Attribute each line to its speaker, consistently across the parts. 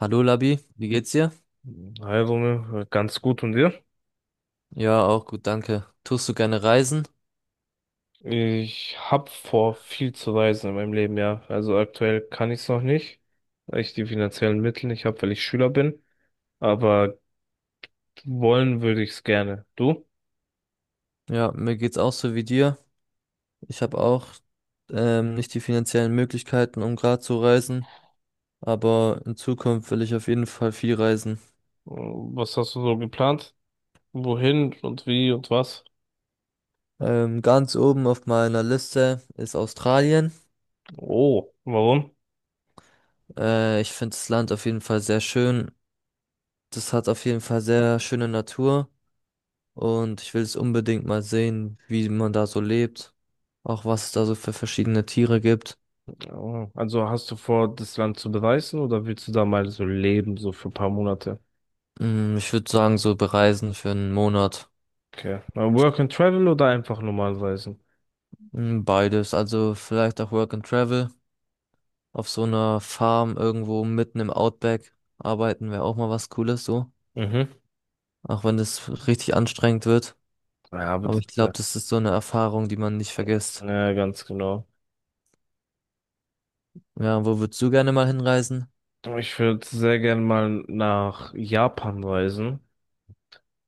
Speaker 1: Hallo Labi, wie geht's dir?
Speaker 2: Also, ne, ganz gut und dir?
Speaker 1: Ja, auch gut, danke. Tust du gerne reisen?
Speaker 2: Ich hab vor, viel zu reisen in meinem Leben, ja. Also aktuell kann ich es noch nicht, weil ich die finanziellen Mittel nicht habe, weil ich Schüler bin. Aber wollen würde ich es gerne. Du?
Speaker 1: Ja, mir geht's auch so wie dir. Ich habe auch nicht die finanziellen Möglichkeiten, um gerade zu reisen, aber in Zukunft will ich auf jeden Fall viel reisen.
Speaker 2: Was hast du so geplant? Wohin und wie und was?
Speaker 1: Ganz oben auf meiner Liste ist Australien.
Speaker 2: Oh, warum?
Speaker 1: Ich finde das Land auf jeden Fall sehr schön. Das hat auf jeden Fall sehr schöne Natur und ich will es unbedingt mal sehen, wie man da so lebt, auch was es da so für verschiedene Tiere gibt.
Speaker 2: Oh, also hast du vor, das Land zu bereisen oder willst du da mal so leben, so für ein paar Monate?
Speaker 1: Mm, ich würde sagen, so bereisen für einen Monat.
Speaker 2: Okay. Mal Work and Travel oder einfach normal reisen?
Speaker 1: Mm, beides. Also vielleicht auch Work and Travel. Auf so einer Farm irgendwo mitten im Outback arbeiten wäre auch mal was Cooles so.
Speaker 2: Mhm.
Speaker 1: Auch wenn das richtig anstrengend wird.
Speaker 2: Ja, aber
Speaker 1: Aber
Speaker 2: das,
Speaker 1: ich glaube, das ist so eine Erfahrung, die man nicht vergisst.
Speaker 2: ja, ganz genau.
Speaker 1: Ja, wo würdest du gerne mal hinreisen?
Speaker 2: Ich würde sehr gern mal nach Japan reisen,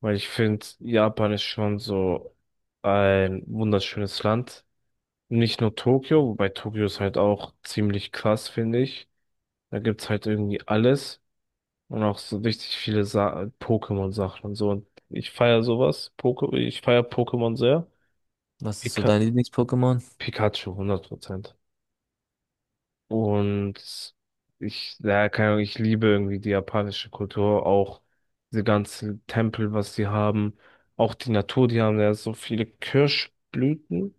Speaker 2: weil ich finde, Japan ist schon so ein wunderschönes Land. Nicht nur Tokio, wobei Tokio ist halt auch ziemlich krass, finde ich. Da gibt's halt irgendwie alles und auch so richtig viele Pokémon-Sachen und so. Und ich feiere sowas. Poke Ich feiere Pokémon sehr.
Speaker 1: Was ist so
Speaker 2: Pika
Speaker 1: dein Lieblings-Pokémon?
Speaker 2: Pikachu, 100%. Und ich, ja, keine Ahnung, ich liebe irgendwie die japanische Kultur, auch diese ganzen Tempel, was sie haben, auch die Natur, die haben ja so viele Kirschblüten.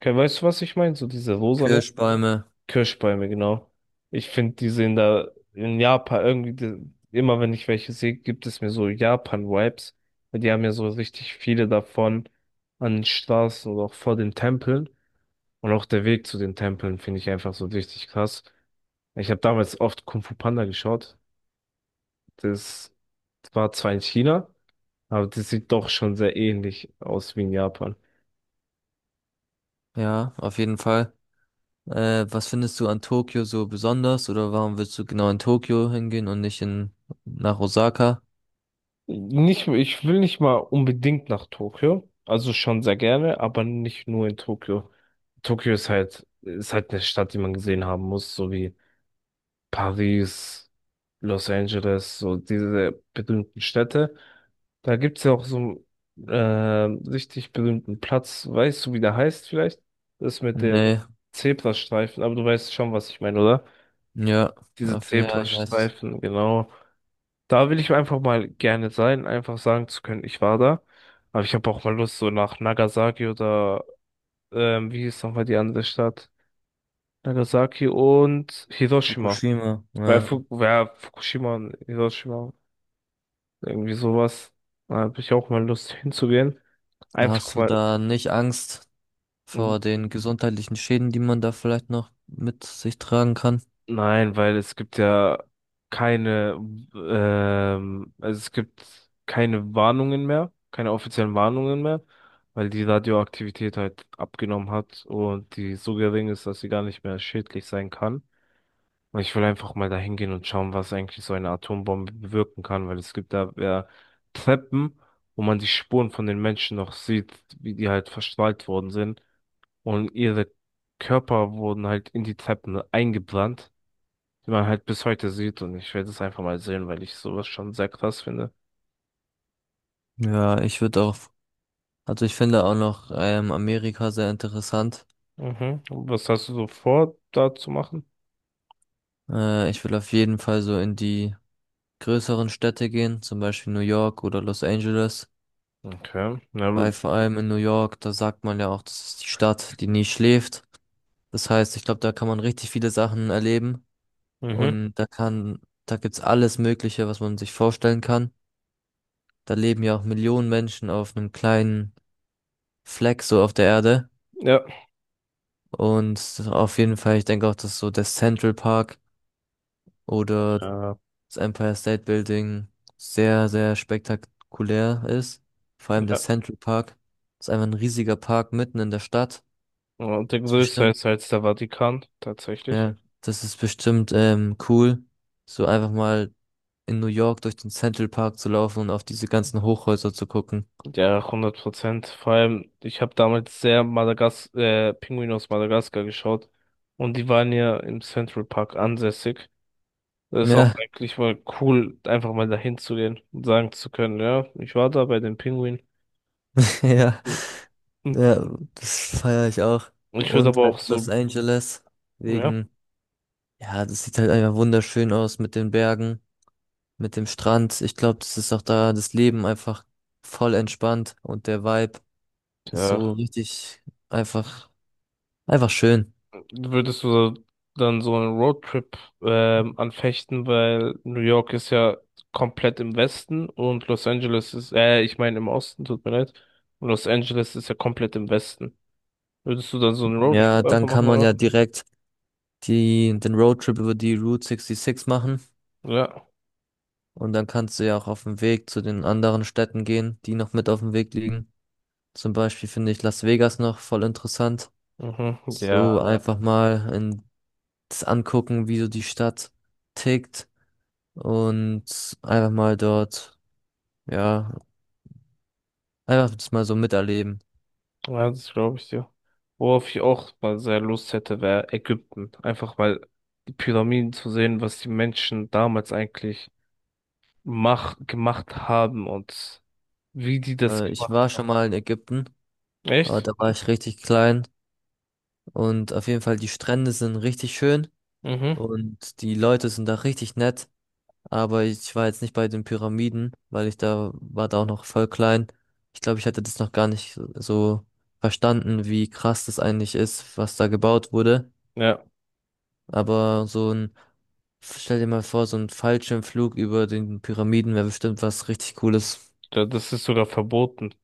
Speaker 2: Okay, weißt du, was ich meine? So diese rosane
Speaker 1: Kirschbäume.
Speaker 2: Kirschbäume, genau. Ich finde, die sehen da in Japan irgendwie, die, immer wenn ich welche sehe, gibt es mir so Japan-Vibes. Die haben ja so richtig viele davon an den Straßen oder auch vor den Tempeln. Und auch der Weg zu den Tempeln finde ich einfach so richtig krass. Ich habe damals oft Kung Fu Panda geschaut. Das war zwar in China, aber das sieht doch schon sehr ähnlich aus wie in Japan.
Speaker 1: Ja, auf jeden Fall. Was findest du an Tokio so besonders? Oder warum willst du genau in Tokio hingehen und nicht in, nach Osaka?
Speaker 2: Nicht, ich will nicht mal unbedingt nach Tokio. Also schon sehr gerne, aber nicht nur in Tokio. Tokio ist halt eine Stadt, die man gesehen haben muss, so wie Paris, Los Angeles, so diese berühmten Städte. Da gibt's ja auch so einen richtig berühmten Platz. Weißt du, wie der heißt vielleicht? Das mit den
Speaker 1: Nee.
Speaker 2: Zebrastreifen, aber du weißt schon, was ich meine, oder?
Speaker 1: Ja,
Speaker 2: Diese
Speaker 1: auf, ja, ich weiß.
Speaker 2: Zebrastreifen, genau. Da will ich einfach mal gerne sein, einfach sagen zu können, ich war da. Aber ich habe auch mal Lust, so nach Nagasaki oder wie hieß nochmal die andere Stadt? Nagasaki und Hiroshima.
Speaker 1: Fukushima,
Speaker 2: Weil, ja,
Speaker 1: ja.
Speaker 2: Fu ja, Fukushima und Hiroshima, irgendwie sowas. Da habe ich auch mal Lust hinzugehen.
Speaker 1: Hast
Speaker 2: Einfach
Speaker 1: du
Speaker 2: mal.
Speaker 1: da nicht Angst vor den gesundheitlichen Schäden, die man da vielleicht noch mit sich tragen kann?
Speaker 2: Nein, weil es gibt ja keine, also es gibt keine Warnungen mehr, keine offiziellen Warnungen mehr, weil die Radioaktivität halt abgenommen hat und die so gering ist, dass sie gar nicht mehr schädlich sein kann. Ich will einfach mal dahin gehen und schauen, was eigentlich so eine Atombombe bewirken kann, weil es gibt da ja Treppen, wo man die Spuren von den Menschen noch sieht, wie die halt verstrahlt worden sind. Und ihre Körper wurden halt in die Treppen eingebrannt, die man halt bis heute sieht. Und ich werde es einfach mal sehen, weil ich sowas schon sehr krass finde.
Speaker 1: Ja, ich würde auch, also ich finde auch noch Amerika sehr interessant.
Speaker 2: Mhm. Und was hast du so vor, da zu machen?
Speaker 1: Ich will auf jeden Fall so in die größeren Städte gehen, zum Beispiel New York oder Los Angeles.
Speaker 2: Okay. Na.
Speaker 1: Weil vor allem in New York, da sagt man ja auch, das ist die Stadt, die nie schläft. Das heißt, ich glaube, da kann man richtig viele Sachen erleben.
Speaker 2: Mhm.
Speaker 1: Und da kann, da gibt's alles Mögliche, was man sich vorstellen kann. Da leben ja auch Millionen Menschen auf einem kleinen Fleck so auf der Erde.
Speaker 2: Ja.
Speaker 1: Und auf jeden Fall, ich denke auch, dass so der Central Park oder
Speaker 2: Ja.
Speaker 1: das Empire State Building sehr, sehr spektakulär ist. Vor allem der
Speaker 2: Ja.
Speaker 1: Central Park ist einfach ein riesiger Park mitten in der Stadt.
Speaker 2: Und der
Speaker 1: Ist
Speaker 2: größte ist
Speaker 1: bestimmt,
Speaker 2: halt der Vatikan, tatsächlich.
Speaker 1: ja, das ist bestimmt cool, so einfach mal in New York durch den Central Park zu laufen und auf diese ganzen Hochhäuser zu gucken.
Speaker 2: Ja, 100%. Vor allem, ich habe damals sehr Madagas Pinguin aus Madagaskar geschaut und die waren ja im Central Park ansässig. Das ist auch
Speaker 1: Ja,
Speaker 2: eigentlich mal cool, einfach mal dahin zu gehen und sagen zu können, ja, ich war da bei den Pinguinen.
Speaker 1: ja, ja, das feiere ich auch.
Speaker 2: Ich würde
Speaker 1: Und
Speaker 2: aber
Speaker 1: halt
Speaker 2: auch
Speaker 1: Los
Speaker 2: so,
Speaker 1: Angeles,
Speaker 2: ja.
Speaker 1: wegen, ja, das sieht halt einfach wunderschön aus mit den Bergen, mit dem Strand. Ich glaube, das ist auch da das Leben einfach voll entspannt und der Vibe ist so
Speaker 2: Ja.
Speaker 1: richtig einfach, einfach schön.
Speaker 2: Würdest du dann so einen Roadtrip anfechten, weil New York ist ja komplett im Westen und Los Angeles ist, ich meine im Osten, tut mir leid. Und Los Angeles ist ja komplett im Westen. Würdest du dann so einen
Speaker 1: Ja,
Speaker 2: Roadtrip einfach
Speaker 1: dann
Speaker 2: machen
Speaker 1: kann
Speaker 2: mal
Speaker 1: man ja
Speaker 2: machen?
Speaker 1: direkt den Roadtrip über die Route 66 machen
Speaker 2: Ja.
Speaker 1: und dann kannst du ja auch auf dem Weg zu den anderen Städten gehen, die noch mit auf dem Weg liegen. Zum Beispiel finde ich Las Vegas noch voll interessant.
Speaker 2: Mhm. Ja.
Speaker 1: So einfach mal in, das angucken, wie so die Stadt tickt und einfach mal dort, ja, einfach das mal so miterleben.
Speaker 2: Ja, das glaube ich dir. Worauf ich auch mal sehr Lust hätte, wäre Ägypten. Einfach mal die Pyramiden zu sehen, was die Menschen damals eigentlich mach gemacht haben und wie die das
Speaker 1: Ich war
Speaker 2: gemacht
Speaker 1: schon
Speaker 2: haben.
Speaker 1: mal in Ägypten, aber
Speaker 2: Echt?
Speaker 1: da war ich richtig klein und auf jeden Fall die Strände sind richtig schön
Speaker 2: Mhm.
Speaker 1: und die Leute sind da richtig nett, aber ich war jetzt nicht bei den Pyramiden, weil ich da war da auch noch voll klein. Ich glaube, ich hatte das noch gar nicht so verstanden, wie krass das eigentlich ist, was da gebaut wurde.
Speaker 2: Ja,
Speaker 1: Aber so ein, stell dir mal vor, so ein Fallschirmflug über den Pyramiden wäre bestimmt was richtig Cooles.
Speaker 2: da- das ist sogar verboten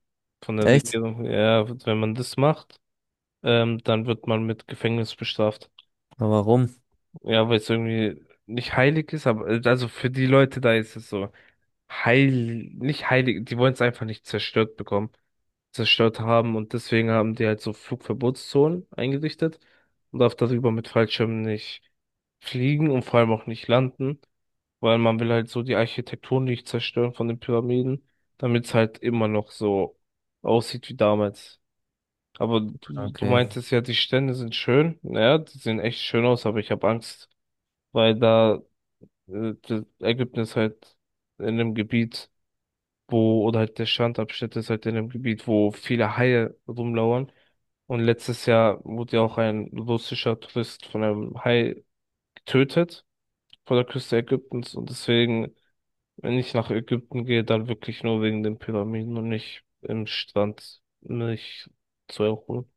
Speaker 2: von der
Speaker 1: Echt?
Speaker 2: Regierung. Ja, wenn man das macht, dann wird man mit Gefängnis bestraft.
Speaker 1: Aber warum?
Speaker 2: Ja, weil es irgendwie nicht heilig ist, aber also für die Leute da ist es so heil, nicht heilig, die wollen es einfach nicht zerstört bekommen, zerstört haben und deswegen haben die halt so Flugverbotszonen eingerichtet. Man darf darüber mit Fallschirmen nicht fliegen und vor allem auch nicht landen. Weil man will halt so die Architektur nicht zerstören von den Pyramiden, damit es halt immer noch so aussieht wie damals. Aber du, ja,
Speaker 1: Okay.
Speaker 2: meintest ja, die Stände sind schön. Ja, die sehen echt schön aus, aber ich habe Angst, weil da das Ägypten ist halt in einem Gebiet, wo, oder halt der Strandabschnitt ist halt in einem Gebiet, wo viele Haie rumlauern. Und letztes Jahr wurde ja auch ein russischer Tourist von einem Hai getötet vor der Küste Ägyptens und deswegen, wenn ich nach Ägypten gehe, dann wirklich nur wegen den Pyramiden und nicht im Strand mich zu erholen.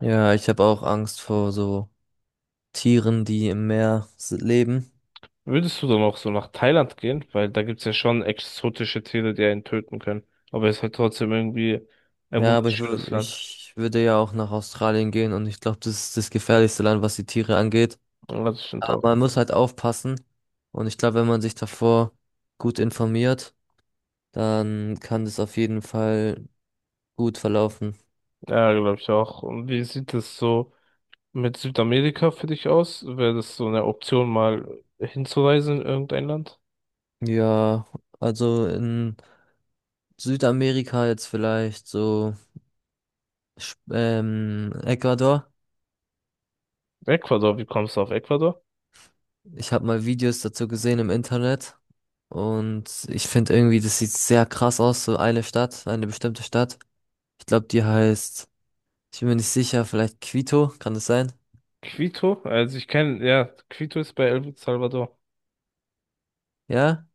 Speaker 1: Ja, ich habe auch Angst vor so Tieren, die im Meer leben.
Speaker 2: Würdest du dann auch so nach Thailand gehen? Weil da gibt's ja schon exotische Tiere, die einen töten können. Aber es ist halt trotzdem irgendwie ein
Speaker 1: Ja,
Speaker 2: wunderschönes Land.
Speaker 1: ich würde ja auch nach Australien gehen und ich glaube, das ist das gefährlichste Land, was die Tiere angeht.
Speaker 2: Ja, das stimmt
Speaker 1: Aber
Speaker 2: auch.
Speaker 1: man muss halt aufpassen und ich glaube, wenn man sich davor gut informiert, dann kann das auf jeden Fall gut verlaufen.
Speaker 2: Ja, glaube ich auch. Und wie sieht es so mit Südamerika für dich aus? Wäre das so eine Option, mal hinzureisen in irgendein Land?
Speaker 1: Ja, also in Südamerika jetzt vielleicht, so Ecuador.
Speaker 2: Ecuador, wie kommst du auf Ecuador?
Speaker 1: Ich habe mal Videos dazu gesehen im Internet und ich finde irgendwie, das sieht sehr krass aus, so eine Stadt, eine bestimmte Stadt. Ich glaube, die heißt, ich bin mir nicht sicher, vielleicht Quito, kann das sein?
Speaker 2: Quito? Also ich kenne, ja, Quito ist bei El Salvador.
Speaker 1: Ja?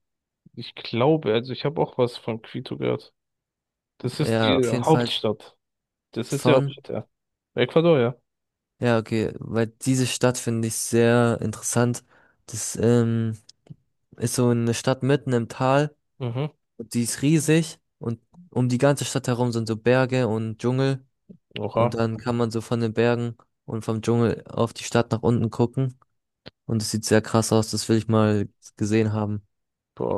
Speaker 2: Ich glaube, also ich habe auch was von Quito gehört. Das ist
Speaker 1: Ja,
Speaker 2: die
Speaker 1: auf jeden Fall
Speaker 2: Hauptstadt. Das ist die
Speaker 1: von.
Speaker 2: Hauptstadt, ja. Ecuador, ja.
Speaker 1: Ja, okay, weil diese Stadt finde ich sehr interessant. Das ist so eine Stadt mitten im Tal,
Speaker 2: Mhm.
Speaker 1: die ist riesig und um die ganze Stadt herum sind so Berge und Dschungel. Und
Speaker 2: Oha.
Speaker 1: dann kann man so von den Bergen und vom Dschungel auf die Stadt nach unten gucken. Und es sieht sehr krass aus, das will ich mal gesehen haben.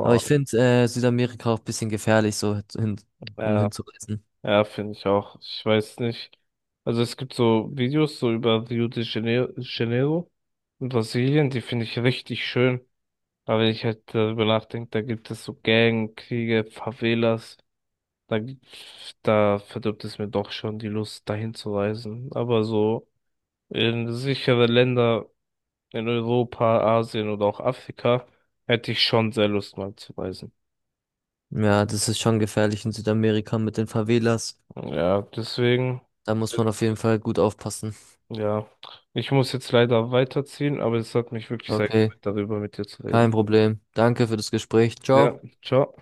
Speaker 1: Aber ich finde Südamerika auch ein bisschen gefährlich, um
Speaker 2: Ja,
Speaker 1: hinzureisen.
Speaker 2: ja, finde ich auch. Ich weiß nicht. Also es gibt so Videos so über Rio de Janeiro in Brasilien, die finde ich richtig schön. Aber wenn ich halt darüber nachdenke, da gibt es so Gangkriege, Favelas. Da, da verdirbt es mir doch schon die Lust, dahin zu reisen. Aber so in sichere Länder in Europa, Asien oder auch Afrika, hätte ich schon sehr Lust mal zu reisen.
Speaker 1: Ja, das ist schon gefährlich in Südamerika mit den Favelas.
Speaker 2: Ja, deswegen,
Speaker 1: Da muss man auf jeden Fall gut aufpassen.
Speaker 2: ja, ich muss jetzt leider weiterziehen, aber es hat mich wirklich sehr
Speaker 1: Okay,
Speaker 2: gefreut, darüber mit dir zu
Speaker 1: kein
Speaker 2: reden.
Speaker 1: Problem. Danke für das Gespräch. Ciao.
Speaker 2: Ja, ciao.